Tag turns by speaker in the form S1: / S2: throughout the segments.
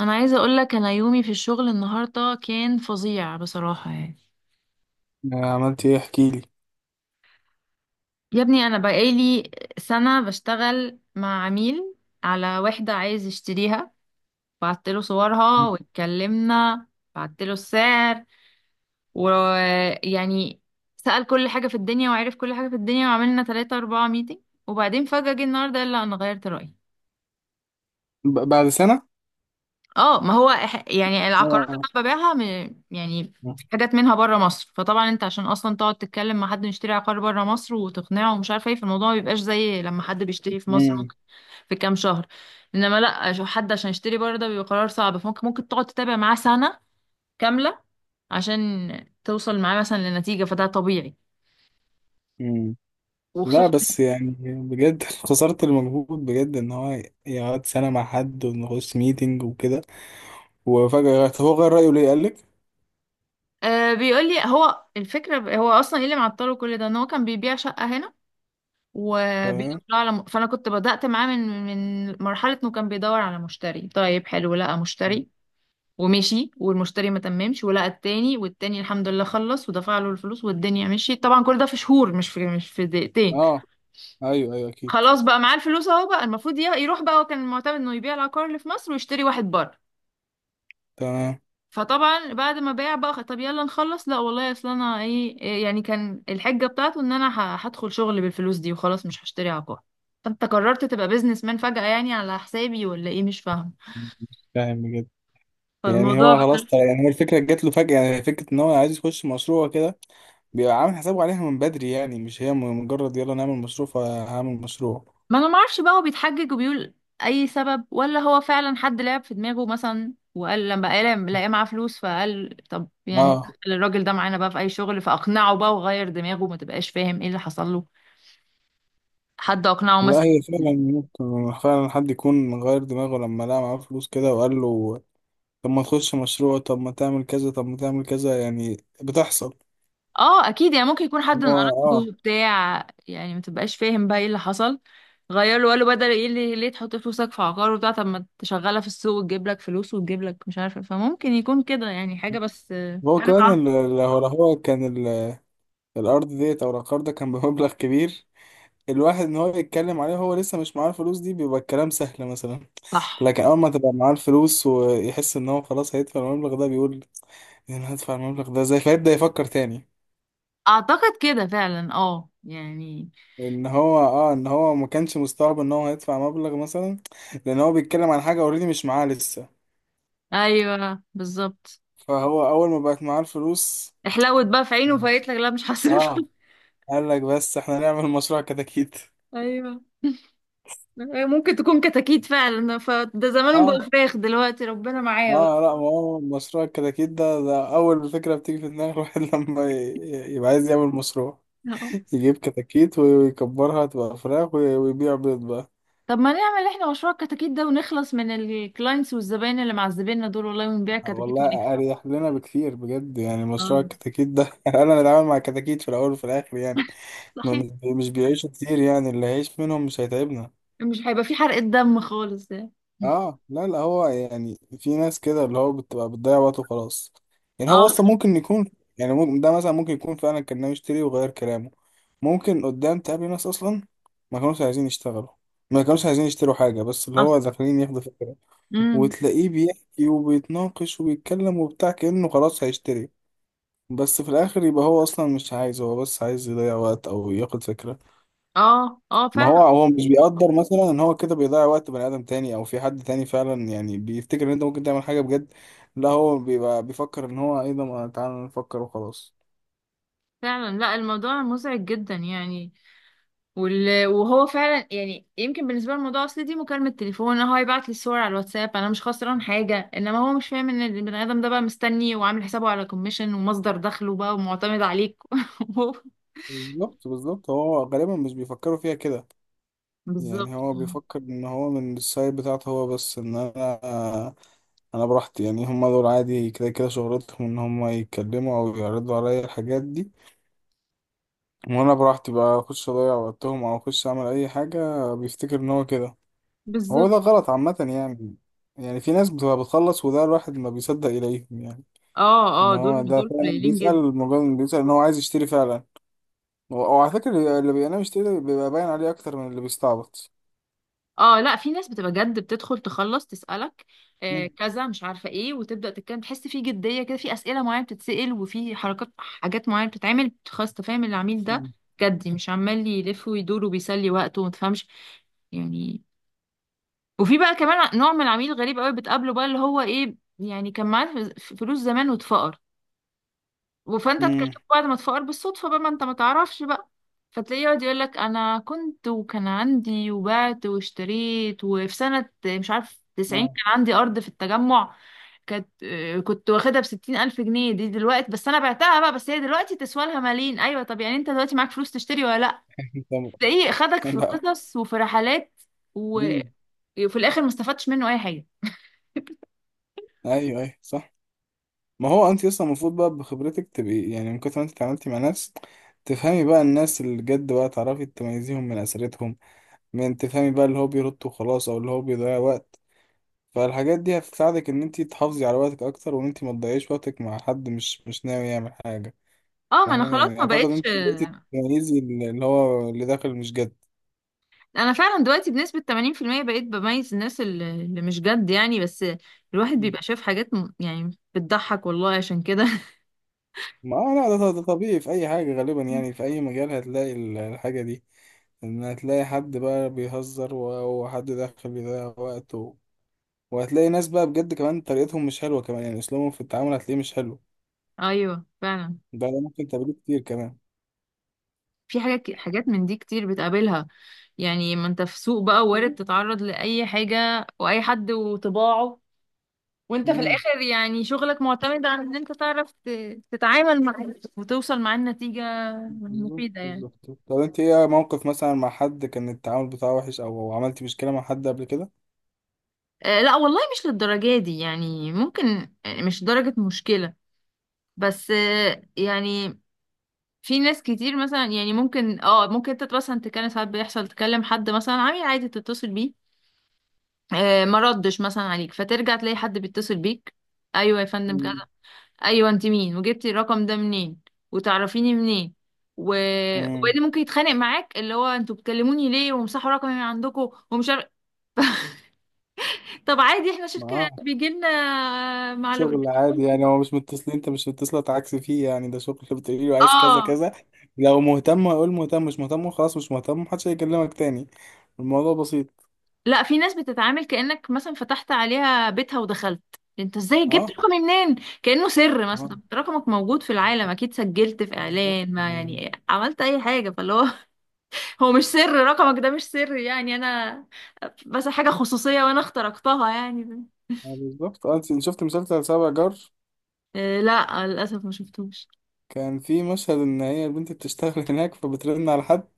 S1: انا عايزه اقول لك انا يومي في الشغل النهارده كان فظيع بصراحه يعني.
S2: عملت ايه؟ احكي لي.
S1: يا ابني انا بقالي سنه بشتغل مع عميل على وحده عايز يشتريها، بعت له صورها واتكلمنا، بعت له السعر ويعني سأل كل حاجه في الدنيا وعرف كل حاجه في الدنيا وعملنا 3 4 ميتنج، وبعدين فجأة جه النهارده قال لا انا غيرت رأيي.
S2: بعد سنة؟
S1: اه ما هو يعني العقارات اللي
S2: اه.
S1: انا ببيعها، يعني في حاجات منها بره مصر، فطبعا انت عشان اصلا تقعد تتكلم مع حد يشتري عقار بره مصر وتقنعه ومش عارفه ايه، فالموضوع ما بيبقاش زي لما حد بيشتري في مصر
S2: مم.
S1: ممكن في كام شهر. انما لا، عشان حد عشان يشتري بره ده بيبقى قرار صعب، فممكن تقعد تتابع معاه سنه كامله عشان توصل معاه مثلا لنتيجه، فده طبيعي.
S2: مم. لا،
S1: وخصوصا
S2: بس يعني بجد خسرت المجهود بجد ان هو يقعد سنة مع حد ونخش ميتنج وكده. وفجأة طب هو غير رأيه ليه قالك؟
S1: بيقول لي هو الفكره، هو اصلا ايه اللي معطله كل ده، ان هو كان بيبيع شقه هنا وبيدور
S2: تمام.
S1: على، فانا كنت بدأت معاه من مرحلة انه كان بيدور على مشتري طيب، حلو لقى مشتري ومشي، والمشتري ما تممش، ولقى التاني، والتاني الحمد لله خلص ودفع له الفلوس والدنيا مشيت. طبعا كل ده في شهور، مش في دقيقتين.
S2: اه، ايوه، ايوه، اكيد.
S1: خلاص بقى معاه الفلوس اهو، بقى المفروض يروح بقى. هو كان معتمد انه يبيع العقار اللي في مصر ويشتري واحد بره،
S2: تمام.
S1: فطبعا بعد ما باع بقى طب يلا نخلص. لا والله، اصل انا ايه إيه يعني، كان الحجه بتاعته ان انا هدخل شغل بالفلوس دي وخلاص مش هشتري عقار. فانت قررت تبقى بيزنس مان فجأة يعني، على حسابي ولا ايه؟ مش فاهمه.
S2: مش فاهم بجد. يعني
S1: فالموضوع
S2: هو خلاص، طيب
S1: بصراحة.
S2: يعني هو الفكرة جات له فجأة، يعني فكرة ان هو عايز يخش مشروع كده. بيبقى عامل حسابه عليها من بدري يعني، مش هي مجرد يلا نعمل مشروع فهعمل مشروع.
S1: ما انا ما اعرفش بقى، هو بيتحجج وبيقول اي سبب، ولا هو فعلا حد لعب في دماغه مثلا، وقال لما لقى معاه فلوس، فقال طب يعني
S2: اه،
S1: خلي الراجل ده معانا بقى في اي شغل فاقنعه بقى وغير دماغه. ما تبقاش فاهم ايه اللي حصل له، حد اقنعه
S2: لا
S1: مثلا.
S2: هي فعلا ممكن، فعلا حد يكون غير دماغه لما لقى معاه فلوس كده، وقال له طب ما تخش مشروع، طب ما تعمل كذا، طب ما تعمل كذا يعني. بتحصل.
S1: اه اكيد يعني، ممكن يكون
S2: إن
S1: حد من
S2: هو
S1: قرايبه بتاع يعني، ما تبقاش فاهم بقى ايه اللي حصل. غير له، قالوا بدل ايه اللي ليه تحط فلوسك في عقار وبتاع، طب ما تشغلها في السوق وتجيب لك فلوس وتجيب لك مش عارفه. فممكن يكون كده يعني حاجه، بس
S2: هو
S1: حاجه
S2: كمان
S1: تعرف.
S2: الأرض ديت أو العقار ده كان بمبلغ كبير. الواحد إن هو يتكلم عليه وهو لسه مش معاه الفلوس دي، بيبقى الكلام سهل مثلا.
S1: صح.
S2: لكن أول ما تبقى معاه الفلوس ويحس إن هو خلاص هيدفع المبلغ ده، بيقول يعني هدفع المبلغ ده ازاي، فيبدأ يفكر تاني.
S1: اعتقد كده فعلا، اه يعني.
S2: ان هو ما كانش مستوعب ان هو هيدفع مبلغ مثلا، لان هو بيتكلم عن حاجه اوريدي مش معاه لسه.
S1: ايوه بالظبط.
S2: فهو اول ما بقت معاه الفلوس.
S1: احلوت بقى في عينه وفايت لك لا مش هصرف.
S2: اه. قال لك بس احنا نعمل مشروع كتاكيت.
S1: ايوه، ممكن تكون كتاكيت فعلا، فده زمانهم بقوا
S2: اه،
S1: فراخ دلوقتي، ربنا معايا
S2: اه لا، ما هو مشروع الكتاكيت ده، ده اول فكره بتيجي في دماغ الواحد لما يبقى عايز يعمل مشروع.
S1: بقى.
S2: يجيب كتاكيت ويكبرها تبقى فراخ ويبيع بيض بقى.
S1: طب ما نعمل احنا مشروع الكتاكيت ده ونخلص من الكلاينتس والزباين اللي معذبيننا دول والله، ونبيع كتاكيت ونكسب.
S2: والله اريح لنا بكثير بجد، يعني مشروع
S1: اه
S2: الكتاكيت ده انا اتعامل مع كتاكيت في الاول وفي الاخر يعني. ما
S1: صحيح.
S2: مش بيعيشوا كتير، يعني اللي هيعيش منهم مش هيتعبنا.
S1: مش هيبقى في حرقة دم خالص يعني.
S2: اه، لا لا هو يعني في ناس كده اللي هو بتبقى بتضيع وقته خلاص. يعني هو
S1: اه
S2: اصلا ممكن يكون، يعني ممكن ده مثلا ممكن يكون فعلا كان ناوي يشتري وغير كلامه. ممكن قدام تقابل ناس اصلا ما كانوش عايزين يشتغلوا، ما كانوش عايزين يشتروا حاجة، بس اللي هو
S1: اصلا.
S2: داخلين ياخدوا فكرة.
S1: امم
S2: وتلاقيه بيحكي وبيتناقش وبيتكلم وبتاع كأنه خلاص هيشتري، بس في الآخر يبقى هو أصلا مش عايز، هو بس عايز يضيع وقت أو ياخد فكرة.
S1: اه اه
S2: ما هو
S1: فعلا
S2: هو مش بيقدر مثلا ان هو كده بيضيع وقت بني ادم تاني، او في حد تاني فعلا يعني بيفتكر ان انت ممكن تعمل حاجه بجد. لا هو بيبقى بيفكر ان هو ايه ده، ما تعالى نفكر وخلاص.
S1: فعلا. لا الموضوع مزعج جدا يعني. وهو فعلا يعني يمكن بالنسبه للموضوع، اصل دي مكالمه تليفون، هو هيبعت لي الصور على الواتساب، انا مش خسران حاجه، انما هو مش فاهم ان البني ادم ده بقى مستني وعامل حسابه على كوميشن ومصدر دخله بقى ومعتمد عليك. وهو-
S2: بالظبط بالظبط، هو غالبا مش بيفكروا فيها كده. يعني
S1: بالظبط
S2: هو بيفكر ان هو من السايد بتاعته هو بس، ان انا براحتي يعني. هم دول عادي كده كده شغلتهم، ان هم يتكلموا او يعرضوا عليا الحاجات دي. وانا براحتي بقى اخش اضيع وقتهم، او اخش اعمل اي حاجه، بيفتكر ان هو كده. هو
S1: بالظبط.
S2: ده غلط عامة يعني. يعني في ناس بتبقى بتخلص، وده الواحد ما بيصدق إليهم يعني.
S1: اه
S2: إن
S1: اه،
S2: هو
S1: دول
S2: ده
S1: دول
S2: فعلا
S1: قليلين جدا.
S2: بيسأل، مجرد إنه بيسأل إن هو عايز يشتري فعلا. وعلى فكرة اللي بينام يشتري ده بيبقى باين عليه أكتر من اللي بيستعبط.
S1: اه لا في ناس بتبقى جد، بتدخل تخلص تسألك
S2: مم.
S1: كذا، مش عارفة ايه، وتبدأ تتكلم، تحس في جدية كده، في أسئلة معينة بتتسأل، وفي حركات حاجات معينة بتتعمل، خلاص تفهم العميل ده
S2: مم.
S1: جدي، مش عمال يلف ويدور وبيسلي وقته وما تفهمش يعني. وفي بقى كمان نوع من العميل غريب قوي بتقابله بقى، اللي هو ايه يعني، كان معاه فلوس زمان واتفقر، فانت اتكلمت
S2: مم.
S1: بعد ما تفقر بالصدفه بقى، ما انت ما تعرفش بقى. فتلاقيه يقعد يقول لك انا كنت وكان عندي وبعت واشتريت، وفي سنه مش عارف 90
S2: آه.
S1: كان عندي ارض في التجمع، كانت كنت واخدها بستين ألف جنيه دي دلوقتي، بس أنا بعتها بقى، بس هي دلوقتي تسوى لها ملايين، أيوة طب يعني أنت دلوقتي معاك فلوس تشتري ولا لأ؟ تلاقيه خدك في
S2: لا.
S1: قصص وفي رحلات و-
S2: مم.
S1: وفي الآخر ما استفدتش منه أي حاجة.
S2: أيوه، أيوه، صح. ما هو أنت أصلا المفروض بقى بخبرتك تبقي يعني، من كتر ما أنت اتعاملتي مع ناس، تفهمي بقى الناس اللي جد، بقى تعرفي تميزيهم من أسرتهم. من تفهمي بقى اللي هو بيرد وخلاص، أو اللي هو بيضيع وقت. فالحاجات دي هتساعدك ان انت تحافظي على وقتك اكتر، وان انت ما تضيعيش وقتك مع حد مش ناوي يعمل حاجه.
S1: اه ما أنا
S2: فاهمه
S1: خلاص
S2: يعني،
S1: ما
S2: اعتقد ان
S1: بقتش.
S2: انت بقيتي تميزي اللي هو اللي داخل مش جد.
S1: انا فعلا دلوقتي بنسبة 80% بقيت بميز الناس اللي اللي مش جد يعني، بس الواحد بيبقى شايف حاجات يعني بتضحك والله عشان كده.
S2: ما آه، لا ده طبيعي في اي حاجه، غالبا يعني في اي مجال هتلاقي الحاجه دي. ان هتلاقي حد بقى بيهزر، وحد داخل بيضيع وقته. وهتلاقي ناس بقى بجد كمان طريقتهم مش حلوه كمان، يعني اسلوبهم في التعامل هتلاقيه مش حلو.
S1: ايوه فعلا.
S2: ده ممكن تقابله كتير كمان.
S1: في حاجات من دي كتير بتقابلها، يعني ما انت في سوق بقى، وارد تتعرض لاي حاجة واي حد وطباعه، وانت في
S2: مم.
S1: الاخر يعني شغلك معتمد على ان انت تعرف تتعامل مع وتوصل مع النتيجة
S2: بالظبط
S1: مفيدة يعني.
S2: بالظبط، طب انت ايه موقف مثلا مع حد كان التعامل بتاعه وحش، او عملتي مشكلة مع حد قبل كده؟
S1: لا والله مش للدرجة دي يعني، ممكن مش درجة مشكلة، بس يعني في ناس كتير مثلا يعني ممكن ممكن انت مثلا تتكلم ساعات، بيحصل تكلم حد مثلا عميل عادي تتصل بيه، ما ردش مثلا عليك، فترجع تلاقي حد بيتصل بيك، ايوه يا فندم كذا،
S2: مم.
S1: ايوه انت مين؟ وجبتي الرقم ده منين؟ وتعرفيني منين؟ و...
S2: امم.
S1: وبعدين ممكن يتخانق معاك اللي هو انتوا بتكلموني ليه؟ ومسحوا رقمي من عندكم، ومش عارف. طب عادي احنا شركة،
S2: معاه.
S1: بيجي لنا معلومات.
S2: شغل عادي يعني هو مش متصلين، انت مش متصلة تعكس فيه يعني، ده شغل، بتقولي له عايز كذا
S1: اه
S2: كذا. لو مهتم هيقول مهتم، مش مهتم خلاص مش مهتم، محدش هيكلمك تاني. الموضوع بسيط.
S1: لا في ناس بتتعامل كأنك مثلا فتحت عليها بيتها ودخلت، انت ازاي جبت
S2: اه،
S1: رقمي منين؟ كأنه سر مثلا،
S2: اه
S1: طب رقمك موجود في العالم اكيد، سجلت في
S2: بالظبط
S1: اعلان ما،
S2: يعني.
S1: يعني عملت اي حاجة، فاللي هو. هو مش سر، رقمك ده مش سر يعني، انا بس حاجة خصوصية وانا اخترقتها يعني.
S2: اه بالظبط. اه، انت شفت مسلسل سبع جار؟
S1: إيه، لا للاسف ما شفتوش.
S2: كان في مشهد ان هي البنت بتشتغل هناك، فبترن على حد.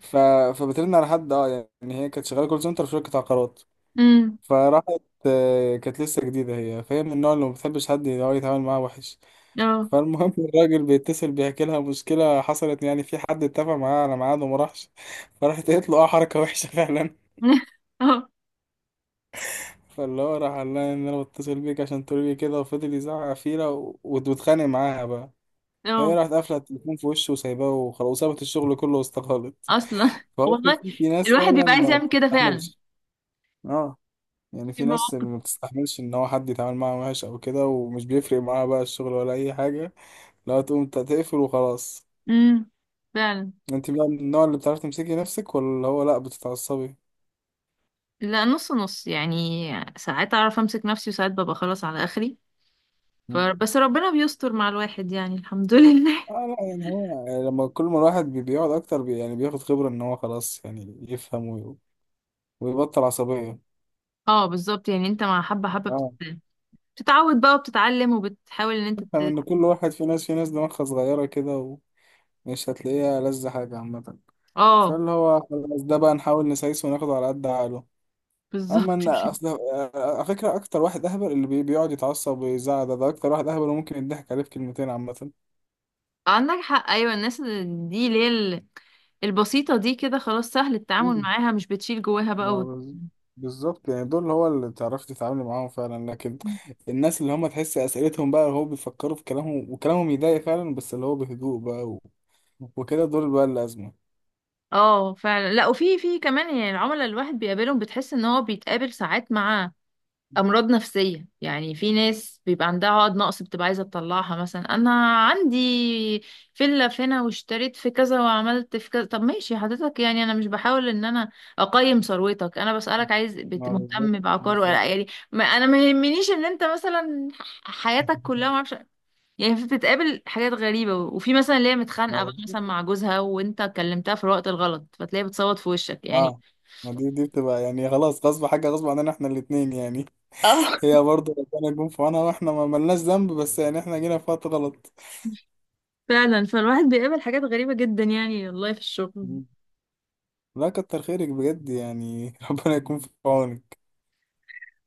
S2: ف... فبترن على حد اه يعني هي كانت شغاله كول سنتر في شركه عقارات.
S1: امم
S2: فراحت، كانت لسه جديده هي، فهي من النوع اللي ما بتحبش حد اللي هو يتعامل معاه وحش.
S1: اه.
S2: فالمهم الراجل بيتصل بيحكي لها مشكله حصلت يعني، في حد اتفق معاه على ميعاد وما راحش. فراحت قالت له اه حركه وحشه فعلا.
S1: اه
S2: فاللي هو راح قال لها ان انا بتصل بيك عشان تقولي لي كده، وفضل يزعق فيها واتخانق معاها بقى. هي
S1: اه
S2: راحت قافله التليفون في وشه وسايباه وخلاص، وسابت الشغل كله واستقالت.
S1: اصلا.
S2: فهو في
S1: والله
S2: في في ناس
S1: الواحد
S2: فعلا
S1: بيبقى عايز
S2: ما
S1: يعمل كده فعلا.
S2: بتستحملش. اه، يعني
S1: في
S2: في ناس اللي
S1: مواقف.
S2: ما بتستحملش ان هو حد يتعامل معاها وحش او كده، ومش بيفرق معاها بقى الشغل ولا اي حاجه. لو تقوم انت تقفل وخلاص.
S1: امم فعلا.
S2: انت بقى من النوع اللي بتعرف تمسكي نفسك، ولا هو لا بتتعصبي؟
S1: لا نص نص يعني، ساعات اعرف امسك نفسي وساعات ببقى خلاص على اخري.
S2: مم.
S1: بس ربنا بيستر مع الواحد يعني الحمد لله.
S2: اه، لا يعني هو، لما كل ما الواحد بيقعد اكتر يعني بياخد خبره ان هو خلاص يعني يفهم ويبطل عصبيه.
S1: اه بالظبط يعني انت مع حبة حبة
S2: اه،
S1: بتتعود بقى وبتتعلم وبتحاول ان انت
S2: يفهم
S1: ت...
S2: ان كل واحد، في ناس دماغها صغيره كده، ومش هتلاقيها لذة، حاجه عامه.
S1: اه
S2: فاللي هو خلاص، ده بقى نحاول نسايسه وناخده على قد عقله. اما
S1: بالظبط.
S2: ان اصل على فكره اكتر واحد اهبل اللي بيقعد يتعصب ويزعق ده، ده اكتر واحد اهبل، وممكن يضحك عليه في كلمتين عامه.
S1: عندك حق، ايوه الناس دي اللي هي البسيطة دي كده خلاص سهل التعامل
S2: مم.
S1: معاها، مش بتشيل جواها بقى
S2: ما
S1: وت...
S2: بز- بالظبط يعني، دول هو اللي تعرفي تتعاملي معاهم فعلا. لكن الناس اللي هم تحس اسئلتهم بقى، هو بيفكروا في كلامهم وكلامهم يضايق فعلا، بس اللي هو بهدوء بقى وكده، دول بقى الازمه.
S1: اه فعلا. لا وفي كمان يعني العملاء الواحد بيقابلهم، بتحس ان هو بيتقابل ساعات مع امراض نفسيه يعني، في ناس بيبقى عندها عقد نقص بتبقى عايزه تطلعها، مثلا انا عندي فيلا في هنا واشتريت في كذا وعملت في كذا، طب ماشي حضرتك، يعني انا مش بحاول ان انا اقيم ثروتك، انا بسالك عايز
S2: ما بالظبط
S1: مهتم بعقار ولا
S2: بالظبط
S1: لأ؟ يعني ما انا ما يهمنيش ان انت مثلا حياتك كلها ما اعرفش يعني. في، بتتقابل حاجات غريبه، وفي مثلا اللي هي
S2: ما
S1: متخانقه بقى
S2: بالظبط.
S1: مثلا مع جوزها وانت كلمتها في الوقت الغلط فتلاقيها بتصوت في وشك يعني.
S2: اه، ما دي بتبقى يعني خلاص، غصب حاجه غصب عننا احنا الاثنين يعني.
S1: اه
S2: هي برضه ربنا يكون في عونها، واحنا ما ملناش ذنب، بس يعني احنا جينا في وقت غلط.
S1: فعلا، فالواحد بيقابل حاجات غريبة جدا يعني والله في الشغل.
S2: مم. لا، كتر خيرك بجد يعني ربنا يكون في عونك.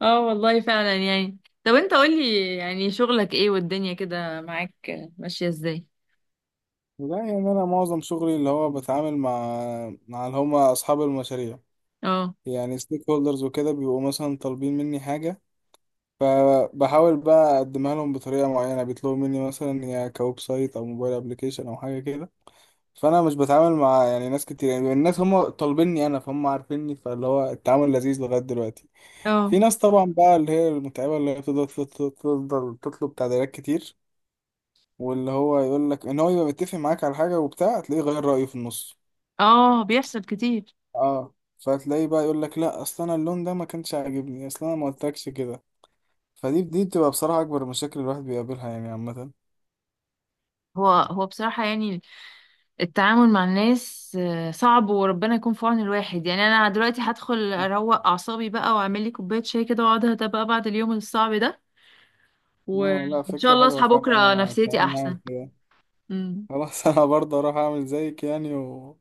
S1: اه والله فعلا يعني. طب انت قولي يعني شغلك ايه والدنيا كده معاك ماشية ازاي؟
S2: لا يعني انا معظم شغلي اللي هو بتعامل مع اللي هم اصحاب المشاريع.
S1: اه
S2: يعني ستيك هولدرز وكده، بيبقوا مثلا طالبين مني حاجه. فبحاول بقى اقدمها لهم بطريقه معينه. بيطلبوا مني مثلا يا كويب سايت او موبايل ابلكيشن او حاجه كده. فانا مش بتعامل مع يعني ناس كتير، يعني الناس هم طالبيني انا، فهم عارفيني، فاللي هو التعامل لذيذ لغايه دلوقتي.
S1: اه
S2: في ناس طبعا بقى اللي هي المتعبه، اللي هي بتفضل تفضل تفضل تطلب تعديلات كتير. واللي هو يقول لك ان هو يبقى متفق معاك على حاجه وبتاع، تلاقيه غير رايه في النص.
S1: اه بيحصل كتير.
S2: اه، فتلاقيه بقى يقول لك لا، اصل انا اللون ده ما كانش عاجبني، اصل انا ما قلتلكش كده. فدي بتبقى بصراحه اكبر المشاكل الواحد بيقابلها يعني عامه.
S1: هو هو بصراحة يعني التعامل مع الناس صعب، وربنا يكون في عون الواحد يعني. انا دلوقتي هدخل اروق اعصابي بقى واعمل لي كوباية شاي كده واقعد اهدى بقى بعد اليوم الصعب ده،
S2: اه، لا
S1: وان شاء
S2: فكرة
S1: الله
S2: حلوة
S1: اصحى
S2: فعلا،
S1: بكرة
S2: انا
S1: نفسيتي
S2: كمان هعمل
S1: احسن.
S2: كده.
S1: امم.
S2: خلاص انا برضه اروح اعمل زيك يعني،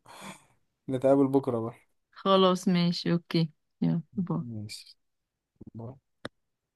S2: نتقابل بكرة بقى.
S1: خلاص ماشي اوكي، يلا باي.
S2: ماشي. باي.